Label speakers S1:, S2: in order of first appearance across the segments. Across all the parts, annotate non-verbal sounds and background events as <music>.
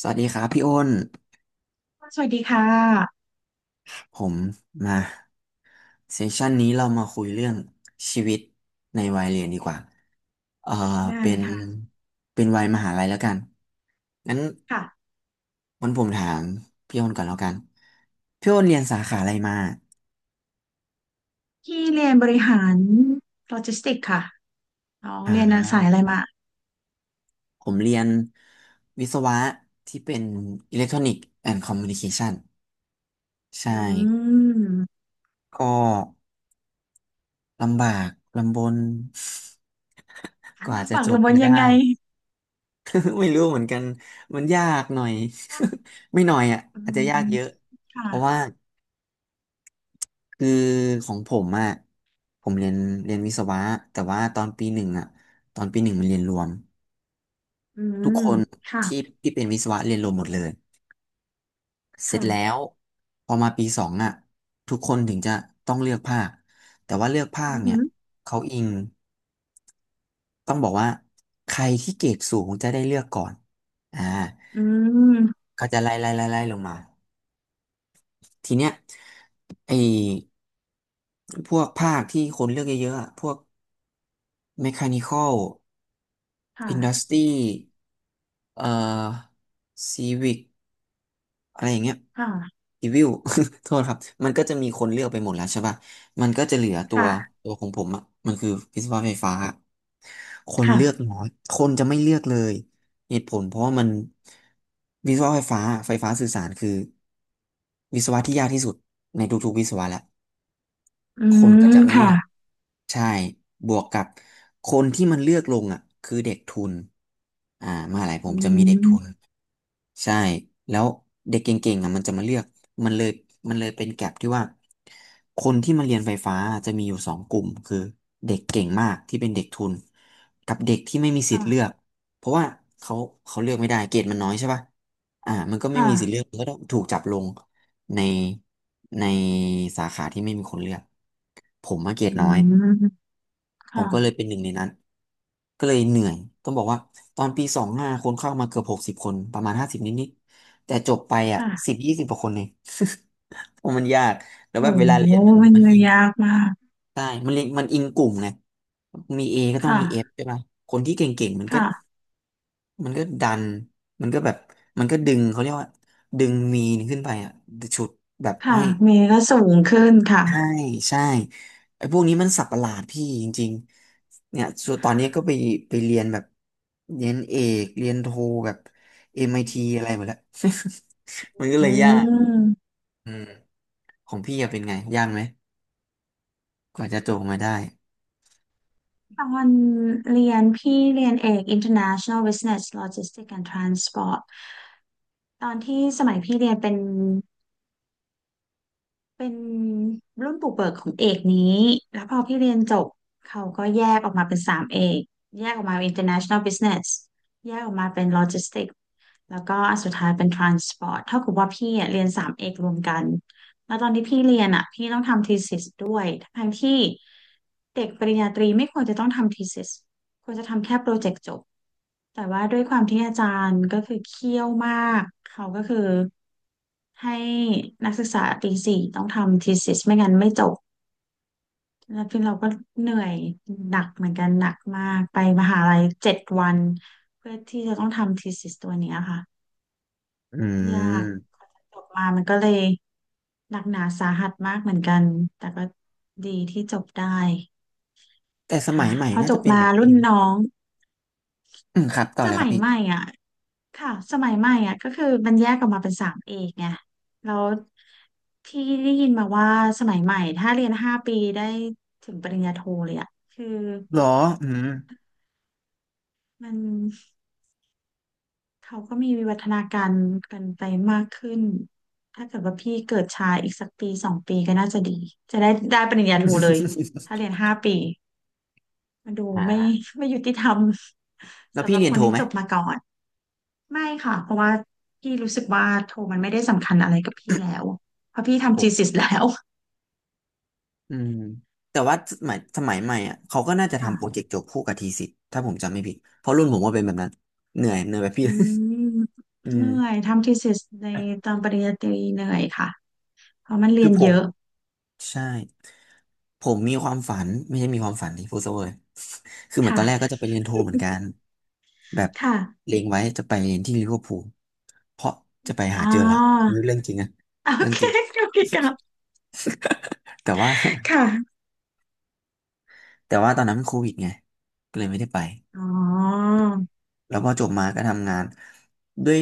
S1: สวัสดีครับพี่อ้น
S2: สวัสดีค่ะ
S1: ผมมาเซสชันนี้เรามาคุยเรื่องชีวิตในวัยเรียนดีกว่า เอ่อ
S2: ได้
S1: เป็น
S2: ค่ะ
S1: เป็นวัยมหาลัยแล้วกันงั้น
S2: ค่ะ
S1: วันผมถามพี่อ้นก่อนแล้วกัน พี่อ้นเรียนสาขาอะไรมา
S2: พี่เรียนบริหารโลจิสติกส์ค่ะน้องเรียน
S1: อ่า
S2: สายอะไรมา
S1: ผมเรียนวิศวะที่เป็นอิเล็กทรอนิกส์แอนด์คอมมิวนิเคชันใช่
S2: อืม
S1: ก็ลำบากลำบน <laughs> กว่า
S2: มา
S1: จะ
S2: ฝาก
S1: จบ
S2: ระบวน
S1: มา
S2: ยั
S1: ได้
S2: งไง
S1: <laughs> ไม่รู้เหมือนกันมันยากหน่อย <laughs> ไม่หน่อยอ่ะ
S2: อื
S1: อาจจะยาก
S2: ม
S1: เยอะ
S2: ค่ะ
S1: เพราะว่าคือของผมอ่ะผมเรียนวิศวะแต่ว่าตอนปีหนึ่งอ่ะตอนปีหนึ่งมันเรียนรวม
S2: อื
S1: ทุ
S2: ม
S1: กคน
S2: ค่ะ
S1: ที่ที่เป็นวิศวะเรียนรวมหมดเลย เสร็จแล้
S2: ค่ะ
S1: วพอมาปีสองอ่ะทุกคนถึงจะต้องเลือกภาค แต่ว่าเลือกภา
S2: อื
S1: ค
S2: ม
S1: เนี่
S2: อื
S1: ยเขาอิงต้องบอกว่าใครที่เกรดสูงจะได้เลือกก่อนอ่า
S2: อืม
S1: เขาจะไล่ลงมา ทีเนี้ยไอ้พวกภาคที่คนเลือกเยอะๆอะพวกเมคานิคอล
S2: ค่
S1: อินดัสต
S2: ะ
S1: รีเอ่อซีวิกอะไรอย่างเงี้ย
S2: ค่ะ
S1: ซีวิล <laughs> โทษครับ มันก็จะมีคนเลือกไปหมดแล้วใช่ป่ะมันก็จะเหลือตัว
S2: ค่ะ
S1: ของผมอ่ะมันคือวิศวะไฟฟ้า คนเลือก
S2: ค่ะ
S1: น้อยคนจะไม่เลือกเลยเหตุผลเพราะว่ามันวิศวะไฟฟ้าไฟฟ้าสื่อสารคือวิศวะที่ยากที่สุดในทุกๆวิศวะแหละ
S2: อื
S1: คุณก็
S2: ม
S1: จะไม่เลื
S2: ค่ะ
S1: อก ใช่บวกกับคนที่มันเลือกลงอ่ะคือเด็กทุนอ่ามหาลัยผ
S2: อื
S1: มจะมีเด็กทุน
S2: ม
S1: ใช่ แล้วเด็กเก่งๆอ่ะมันจะมาเลือกมันเลยเป็นแก็ปที่ว่าคนที่มาเรียนไฟฟ้าจะมีอยู่สองกลุ่มคือเด็กเก่งมากที่เป็นเด็กทุนกับเด็กที่ไม่มีสิทธิ์เลื
S2: ค่ะ
S1: อกเพราะว่าเขาเลือกไม่ได้เกรดมันน้อยใช่ป่ะอ่ามันก็ไม่มีสิทธิ์เลื
S2: ค่ะ
S1: อกมันก็ต้องถูกจับลงในในสาขาที่ไม่มีคนเลือกผมมาเกรด
S2: อื
S1: น้อย
S2: ม
S1: ผมก็เลย
S2: ค่ะ
S1: เป็นหนึ่งในนั้นก็เลยเหนื่อยต้องบอกว่าตอนปีสองห้าคนเข้ามาเกือบหกสิบคนประมาณห้าสิบนิดๆแต่จบไปอ่ะสิ
S2: ค่ะ
S1: บยี่สิบกว่าคนเองเพราะมันยากแล้ว
S2: โห
S1: แบบเวลาเรียน
S2: มัน
S1: มันอิง
S2: ยากมาก
S1: ใช่มันเรียนมันอิงกลุ่มไงมีเอก็ต้องมีเอฟ
S2: ค่ะ
S1: ใช่ป่ะคนที่เก่งๆมันก็
S2: ค่ะ
S1: มันก็ดันมันก็แบบมันก็ดึงเขาเรียกว่าดึงมีนขึ้นไปอ่ะฉุดแบบ
S2: ค่ะ
S1: ให้
S2: เมย์ก็สูงขึ้นค่ะ
S1: ใช่ใช่ไอ้พวกนี้มันสับประหลาดพี่จริงๆเนี่ยส่วนตอนนี้ก็ไปเรียนแบบเรียนเอกเรียนโทแบบ MIT อมไอทีอะไรหมดแล้ว <laughs> มันก็
S2: อื
S1: เลยยาก
S2: ม
S1: อืมของพี่อะเป็นไงยากไหมกว่าจะจบมาได้
S2: ตอนเรียนพี่เรียนเอก International Business Logistics and Transport ตอนที่สมัยพี่เรียนเป็น เป็นรุ่นปลูกเบิกของเอกนี้ แล้วพอพี่เรียนจบเขาก็แยกออกมาเป็นสามเอกแยกออกมาเป็น International Business แยกออกมาเป็น Logistics แล้วก็อันสุดท้ายเป็น Transport เท่ากับว่าพี่อะเรียนสามเอกรวมกันแล้วตอนที่พี่เรียนอ่ะพี่ต้องทำ thesis ด้วยทั้งที่เด็กปริญญาตรีไม่ควรจะต้องทำ thesis ควรจะทำแค่โปรเจกต์จบ แต่ว่าด้วยความที่อาจารย์ก็คือเคี่ยวมากเขาก็คือให้นักศึกษาปีสี่ต้องทำ thesis ไม่งั้นไม่จบ แล้วพี่เราก็เหนื่อยหนักเหมือนกันหนักมากไปมหาลัย7 วันเพื่อที่จะต้องทำ thesis ตัวเนี้ยค่ะ
S1: อื
S2: ยาก
S1: ม
S2: กว่าจะจบมามันก็เลยหนักหนาสาหัสมากเหมือนกันแต่ก็ดีที่จบได้
S1: แต่สมั
S2: ค่ะ
S1: ยใหม่
S2: พอ
S1: น่า
S2: จ
S1: จะ
S2: บ
S1: เป็น
S2: มา
S1: แบบ
S2: รุ่
S1: พี่
S2: น
S1: นี่
S2: น้อง
S1: อืมครับต่อ
S2: ส
S1: เลยค
S2: มั
S1: รับ
S2: ย
S1: พี่
S2: ใหม่อ่ะ ค่ะสมัยใหม่อ่ะก็คือมันแยกออกมาเป็นสามเอกไงแล้วที่ได้ยินมาว่าสมัยใหม่ถ้าเรียนห้าปีได้ถึงปริญญาโทเลยอ่ะคือ
S1: หรออืม
S2: มันเขาก็มีวิวัฒนาการกันไปมากขึ้นถ้าเกิดว่าพี่เกิดช้าอีกสักปีสองปีก็น่าจะดีจะได้ได้ปริญญาโทเลยถ้าเรียนห้า
S1: <laughs>
S2: ปีมันดู
S1: อ่
S2: ไม่
S1: า
S2: ไม่ยุติธรรม <laughs>
S1: แล้ว
S2: สำห
S1: พี่
S2: รับ
S1: เรียน
S2: คน
S1: โท
S2: ที่
S1: ไหม
S2: จบมาก่อน ไม่ค่ะ เพราะว่าพี่รู้สึกว่าโทมันไม่ได้สำคัญอะไรกับพี่แล้ว เพราะพี่
S1: ผ
S2: ทำ
S1: ม
S2: thesis แล้ว
S1: อืมแต่ว่าสมัยใหม่อ่ะเขาก็น่าจะทำโปรเจ
S2: ค่ะ
S1: กต์จบคู่กับทีสิทธ์ถ้าผมจำไม่ผิดเพราะรุ่นผมว่าเป็นแบบนั้นเหนื่อยแบบพี่
S2: อืม
S1: <laughs> อื
S2: เห
S1: ม
S2: นื่อยทำ thesis ในตอนปริญญาตรีเหนื่อยค่ะเพราะมันเรี
S1: คื
S2: ย
S1: อ
S2: น
S1: ผ
S2: เย
S1: ม
S2: อะ
S1: ใช่ผมมีความฝันไม่ใช่มีความฝันที่พูดซะเวอร์ <laughs> คือเหมือนตอนแรกก็
S2: ค่ะ
S1: จะไปเรียนโทเหมือนกันแบบ
S2: ค่ะ
S1: เล็งไว้จะไปเรียนที่ลิเวอร์พูลเพราะจะไป
S2: อ๋
S1: หา
S2: อ
S1: เจอหลักอันนี้เรื่องจริงนะ
S2: โอ
S1: เรื่อง
S2: เค
S1: จริง
S2: โอเคครับ
S1: แต่ว่า
S2: ค่ะ
S1: <laughs> แต่ว่าตอนนั้นมันโควิดไงก็เลยไม่ได้ไป
S2: อ๋อ
S1: แล้วพอจบมาก็ทำงานด้วย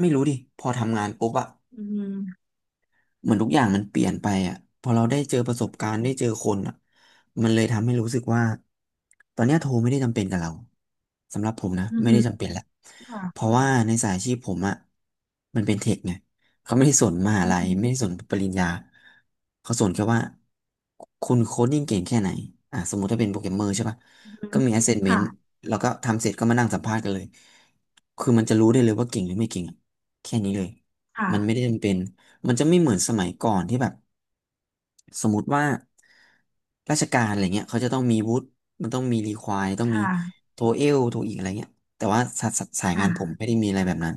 S1: ไม่รู้ดิ พอทำงานปุ๊บอะ
S2: อืม
S1: เหมือนทุกอย่างมันเปลี่ยนไปอ่ะพอเราได้เจอประสบการณ์ได้เจอคนอ่ะมันเลยทำให้รู้สึกว่าตอนเนี้ยโทรไม่ได้จำเป็นกับเราสำหรับผมนะ
S2: อื
S1: ไม่
S2: ม
S1: ได้จำเป็นแหละ
S2: ค่ะ
S1: เพราะว่าในสายอาชีพผมอ่ะมันเป็นเทคไงเขาไม่ได้สนมหา
S2: อื
S1: ลัย
S2: ม
S1: ไม่ได้สนปริญญาเขาสนแค่ว่าคุณโคดดิ้งเก่งแค่ไหนอ่ะสมมุติถ้าเป็นโปรแกรมเมอร์ใช่ปะ
S2: อื
S1: ก็
S2: ม
S1: มี assessment
S2: ค่ะ
S1: แล้วก็ทำเสร็จก็มานั่งสัมภาษณ์กันเลยคือมันจะรู้ได้เลยว่าเก่งหรือไม่เก่งอะแค่นี้เลยมันไม่
S2: ค่ะ
S1: ได้จำเป็น มันจะไม่เหมือนสมัยก่อนที่แบบสมมติว่าราชการอะไรเงี้ยเขาจะต้องมีวุฒิมันต้องมีรีควายต้อง
S2: ค
S1: มี
S2: ่ะ
S1: โทเอลโทอีกอะไรเงี้ยแต่ว่าสายงานผม
S2: ค่ะ
S1: ไม่ได้มีอะไรแบบนั้น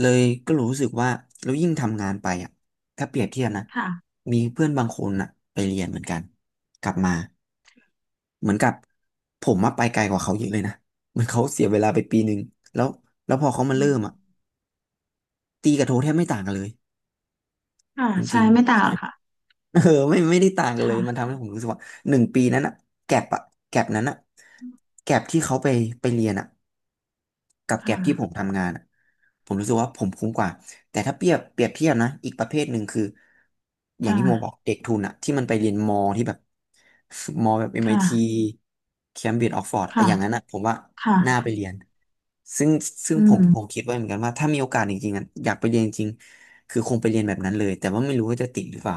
S1: เลยก็รู้สึกว่าแล้วยิ่งทำงานไปอ่ะถ้าเปรียบเทียบนะ
S2: ค่ะ
S1: มีเพื่อนบางคนอ่ะไปเรียนเหมือนกันกลับมาเหมือนกับผมมาไปไกลกว่าเขาเยอะเลยนะเหมือนเขาเสียเวลาไปปีหนึ่งแล้วแล้วพอเขามา
S2: อื
S1: เริ่
S2: ม
S1: มอ่ะตีกับโทแทบไม่ต่างกันเลย
S2: ค่ะ
S1: จ
S2: ใช่
S1: ริง
S2: ไม่ต่า
S1: ๆ
S2: ง
S1: ใช่
S2: หรอกค่ะ
S1: เออ <laughs> ไม่ไม่ได้ต่างกันเลยมัน
S2: ค่ะ
S1: ทำให้ผมรู้สึกว่า1 ปีนั้นอะแก็บอะแก็บนั้นอะแก็บที่เขาไปไปเรียนอะ กับแกร็บที่ผม
S2: ค่ะ
S1: ทำงานอะผมรู้สึกว่าผมคุ้มกว่าแต่ถ้าเปรียบเทียบนะอีกประเภทหนึ่งคืออย่างที่โมบอ
S2: ค
S1: กเด็กทุนอะที่มันไปเรียนมอที่แบบมอแบบ m ที
S2: ่ะ
S1: Cambridge Oxford อะ
S2: ค่ะ
S1: อย่างนั้นอะผมว่าน่าไป
S2: ค่ะ
S1: เรียนซึ่งซึ่ง
S2: อื
S1: ผม
S2: ม
S1: คิดไว้เหมือนกันว่าถ้ามีโอกาสจริงๆอะอยากไปเรียนจริงๆคือคงไปเรียนแบบนั้นเลยแต่ว่าไม่รู้ว่าจะติดหรือเปล่า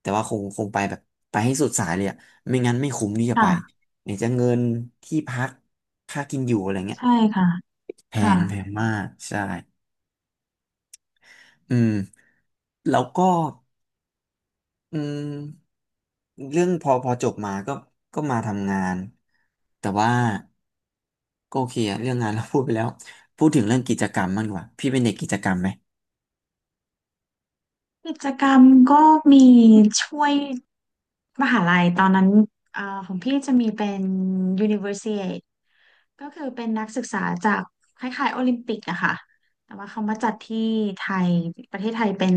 S1: แต่ว่าคงไปแบบไปให้สุดสายเลยอะไม่งั้นไม่คุ้มที่จะไป
S2: ค่ะ
S1: ไหนจะเงินที่พักค่ากินอยู่อะไรเงี้ย
S2: ใช่ค่ะ
S1: แพ
S2: ค่ะ
S1: งแพงมากใช่อืมแล้วก็อืมเรื่องพอจบมาก็ก็มาทำงานแต่ว่าก็โอเคอะเรื่องงาน <laughs> เราพูดไปแล้วพูดถึงเรื่องกิจกรรมมากกว่าพี่เป็นเด็กกิจกรรมไหม
S2: กิจกรรมก็มีช่วยมหาลัยตอนนั้นเอ่อของพี่จะมีเป็น Universiade ก็คือเป็นนักศึกษาจากคล้ายๆโอลิมปิกอะค่ะ แต่ว่าเขามาจัดที่ไทย ประเทศไทยเป็น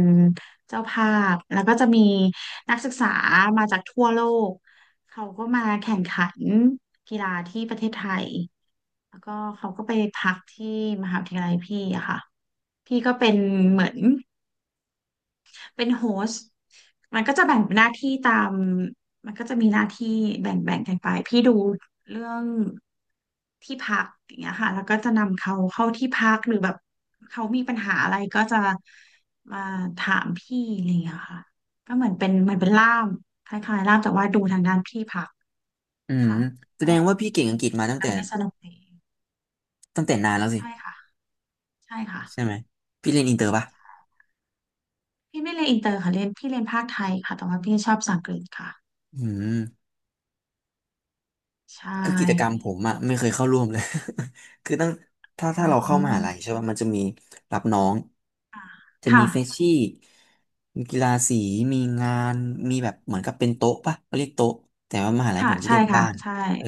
S2: เจ้าภาพ แล้วก็จะมีนักศึกษามาจากทั่วโลกเขาก็มาแข่งขันกีฬาที่ประเทศไทย แล้วก็เขาก็ไปพักที่มหาวิทยาลัยพี่อะค่ะพี่ก็เป็นเหมือนเป็นโฮสต์มันก็จะแบ่งหน้าที่ตามมันก็จะมีหน้าที่แบ่งกันไปพี่ดูเรื่องที่พักอย่างเงี้ยค่ะแล้วก็จะนำเขาเข้าที่พักหรือแบบเขามีปัญหาอะไรก็จะมาถามพี่อะไรอย่างเงี้ยค่ะก็เหมือนเป็นล่ามคล้ายๆล่ามแต่ว่าดูทางด้านที่พัก
S1: อืม
S2: ค่ะ
S1: แส
S2: ก็
S1: ดงว่าพี่เก่งอังกฤษมาตั้งแต่
S2: ทำได้สนุกดี
S1: ตั้งแต่นานแล้วสิ
S2: ใช่ค่ะใช่ค่ะ
S1: ใช่ไหมพี่เรียนอินเตอร์ป่ะ
S2: พี่ไม่เรียนอินเตอร์ค่ะเรียนพี่เรียนภาคไทยค่ะแต่ว่าพี่ชอบภาษาอังกฤษค่ะ
S1: อืม
S2: ใช
S1: คือกิจกรรม
S2: ่
S1: ผมอะไม่เคยเข้าร่วมเลย <laughs> คือตั้งถ้า
S2: อ
S1: ถ้าเราเข้า
S2: ื
S1: มหาลัยใช่
S2: ม
S1: ป่ะมันจะมีรับน้องจะมี
S2: ค่ะ
S1: เฟชชี่มีกีฬาสีมีงานมีแบบเหมือนกับเป็นโต๊ะป่ะเขาเรียกโต๊ะแต่ว่ามหาลัยผ
S2: ค่ะ
S1: มจะเรี
S2: ใช่
S1: ยก
S2: ค่ะ
S1: บ้าน
S2: ใช่
S1: เออ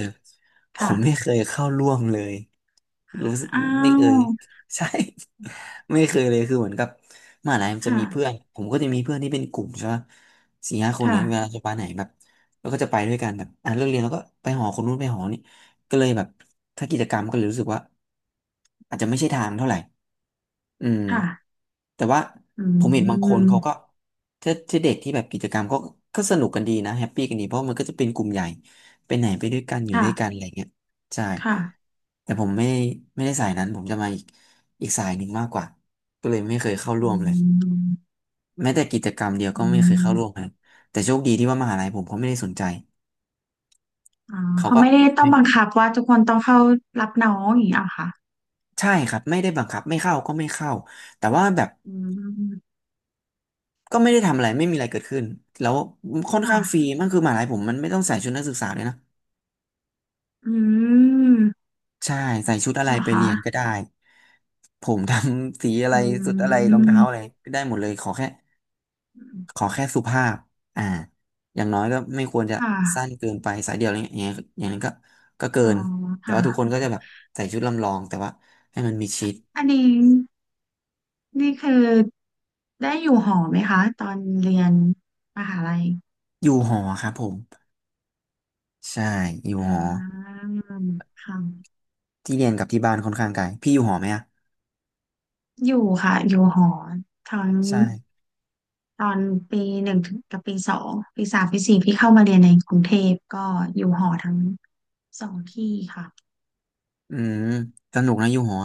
S1: ผมไม่เค
S2: ค่ะ
S1: ยเข้าร่วมเลยรู้สึก
S2: อ้า
S1: ไม่เค
S2: ว
S1: ยใช่ <laughs> ไม่เคยเลยคือเหมือนกับมหาลัยมันจะ
S2: ค่ะ
S1: มีเพื่อนผมก็จะมีเพื่อนที่เป็นกลุ่มใช่ป่ะ4-5 คนเล
S2: ค่ะ
S1: ยเวลาจะไปไหนแบบ แล้วก็จะไปด้วยกันแบบอ่ะเลิกเรียนแล้วก็ไปหอคนนู้นไปหอนี่ก็เลยแบบถ้ากิจกรรมก็เลยรู้สึกว่าอาจจะไม่ใช่ทางเท่าไหร่อืม
S2: ค่ะ
S1: แต่ว่า
S2: อื
S1: ผมเห็นบางคนเขาก็
S2: ม
S1: ถ้าเด็กที่แบบกิจกรรมก็ก็สนุกกันดีนะแฮปปี้กันดีเพราะมันก็จะเป็นกลุ่มใหญ่ไปไหนไปด้วยกันอยู่ด้วยกัน
S2: ค่ะ
S1: อะไรเงี้ยใช่
S2: ค่ะ
S1: แต่ผมไม่ไม่ได้สายนั้นผมจะมาอีกอีกสายหนึ่งมากกว่าก็เลยไม่เคยเข้าร่
S2: อื
S1: วมเลย
S2: ม
S1: แม้แต่กิจกรรมเดียวก็
S2: อื
S1: ไม่เคยเข้าร่วมค
S2: ม
S1: รับแต่โชคดีที่ว่ามหาลัยผมเขาไม่ได้สนใจ
S2: อ๋อ
S1: เขา
S2: เขา
S1: ก็
S2: ไม่ได้ต้อ
S1: ไม่
S2: งบังคับว่าทุกคนต้องเข้ารับน้องอย่างนี้เหรอค่ะ
S1: ใช่ครับไม่ได้บังคับไม่เข้าก็ไม่เข้าแต่ว่าแบบ
S2: อืม
S1: ก็ไม่ได้ทำอะไรไม่มีอะไรเกิดขึ้นแล้วค่อนข้างฟรี
S2: ค่ะ
S1: มันคือมหาลัยผมมันไม่ต้องใส่ชุดนักศึกษาเลยนะ
S2: อืม
S1: ใช่ใส่ชุดอะไร
S2: เหรอ
S1: ไปเรี
S2: คะ
S1: ยนก็ได้ผมทำสีอะไร
S2: อื
S1: สุดอะไรรองเท้าอะไร
S2: ม
S1: ก็ได้หมดเลยขอแค่สุภาพอ่าอย่างน้อยก็ไม่ควรจะ
S2: ค
S1: สั้น
S2: ่ะ
S1: เกินไปสายเดียวอะไรเงี้ยอย่างเงี้ยอย่างนั้นก็ก็เกิ
S2: อ๋อ
S1: นแต่
S2: ค่ะ
S1: ว่าทุกคนก็จะแบบใส่ชุดลำลองแต่ว่าให้มันมีชิด
S2: อันนี้ นี่คือได้อยู่หอไหมคะตอนเรียนมหาลัย
S1: อยู่หอครับผมใช่อยู่
S2: อ่
S1: หอ
S2: าค่ะ
S1: ที่เรียนกับที่บ้านค่อนข้างไกลพี่อยู่หอไหมอะ
S2: อยู่ค่ะอยู่หอตอน
S1: ใช่
S2: ตอนปีหนึ่งถึงกับปีสองปีสามปีสี่พี่เข้ามาเรียนในกรุงเทพก็อยู่หอทั้งสองที่ค่ะ
S1: อืมสนุกนะอยู่หอ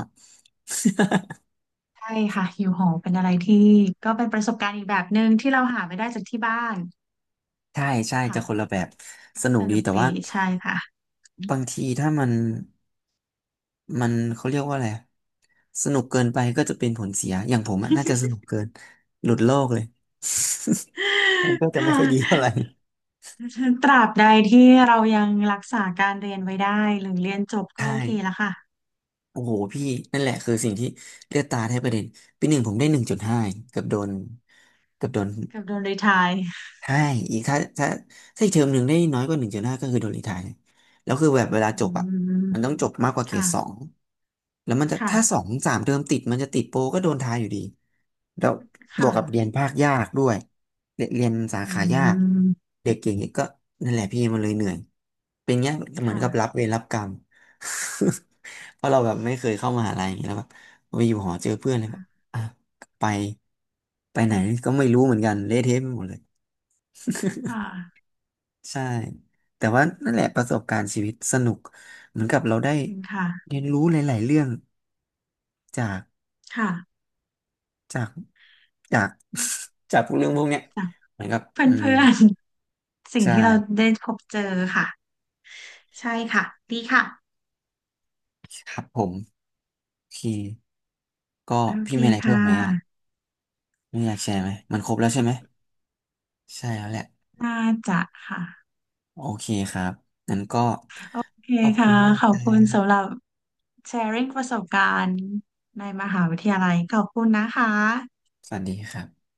S2: ใช่ค่ะอยู่หอเป็นอะไรที่ก็เป็นประสบการณ์อีกแบบหนึ่งที่เราหาไม่ได้จากที่บ้าน
S1: ใช่ใช่จะ
S2: ค่ะ
S1: คนละแบบ
S2: ก็
S1: สนุ
S2: ส
S1: กดี
S2: นุก
S1: แต่ว่า
S2: ดีใช่ค่ะ <laughs>
S1: บางทีถ้ามันมันเขาเรียกว่าอะไรอะสนุกเกินไปก็จะเป็นผลเสียอย่างผมอะน่าจะสนุกเกินหลุดโลกเลย <laughs> มันก็
S2: ค
S1: จะไม่ค่อยดี
S2: ่ะ
S1: เท่าไหร่
S2: <laughs> ตราบใดที่เรายังรักษาการเรียนไว้ได้หรือเรียนจบ
S1: ใช
S2: ก็โอเคแล้ว
S1: ่
S2: ค่ะ
S1: โอ้โหพี่นั่นแหละคือสิ่งที่เลือดตาแทบกระเด็นปีหนึ่งผมได้หนึ่งจุดห้าเกือบโดนเกือบโดน
S2: กับโดนรีไทร์
S1: ใช่อีกถ้าอีกเทอมหนึ่งได้น้อยกว่าหนึ่งจุดห้าก็คือโดนรีไทร์เลยแล้วคือแบบเวลา
S2: อื
S1: จบอ่ะ
S2: ม
S1: มันต้องจบมากกว่าเกร
S2: ค่ะ
S1: ดสองแล้วมันจะถ้าสอ
S2: ค่ะ
S1: งสามเทอมติดมันจะติดโปรก็โดนทายอยู่ดีแล้วบ
S2: ค่ะ
S1: วกกับเรียนภาคยากด้วยเรียนสา
S2: อื
S1: ขายาก
S2: ม
S1: เด็กเก่งเนี่ยก็นั่นแหละพี่มันเลยเหนื่อยเป็นเงี้ยเหมือน
S2: ค่ะ
S1: กับรับเวรรับกรรม <laughs> เพราะเราแบบไม่เคยเข้ามหาลัยอย่างเงี้ยแล้วแบบไปอยู่หอเจอเพื่อนเลยแบบอ่ะไปไหนก็ไม่รู้เหมือนกันเละเทะไปหมดเลย
S2: ค่ะ
S1: ใช่แต่ว่านั่นแหละประสบการณ์ชีวิตสนุกเหมือนกับเราได้
S2: จริงค่ะ
S1: เรียนรู้หลายๆเรื่องจาก
S2: ค่ะ
S1: จากจากจากพวกเรื่องพวกเนี้ย
S2: จาก
S1: เหมือนกับ
S2: เพื
S1: อืม
S2: ่อนๆสิ่ง
S1: ใช่
S2: ที่เราได้พบเจอค่ะใช่ค่ะดีค่ะ
S1: ครับผมโอเคก็
S2: โอเค
S1: พี่มีอะไรเพิ่
S2: ค่ะ
S1: มไหมอ่ะไม่อยากแชร์ไหมมันครบแล้วใช่ไหมใช่แล้วแหละ
S2: น่าจะค่ะ
S1: โอเคครับงั้นก็
S2: โอเค
S1: ขอบคุ
S2: ค่ะ
S1: ณมาก
S2: ขอบ
S1: นะค
S2: คุณ
S1: รั
S2: สำหรั
S1: บ
S2: บ sharing ประสบการณ์ในมหาวิทยาลัยขอบคุณนะคะ
S1: สวัสดีครับ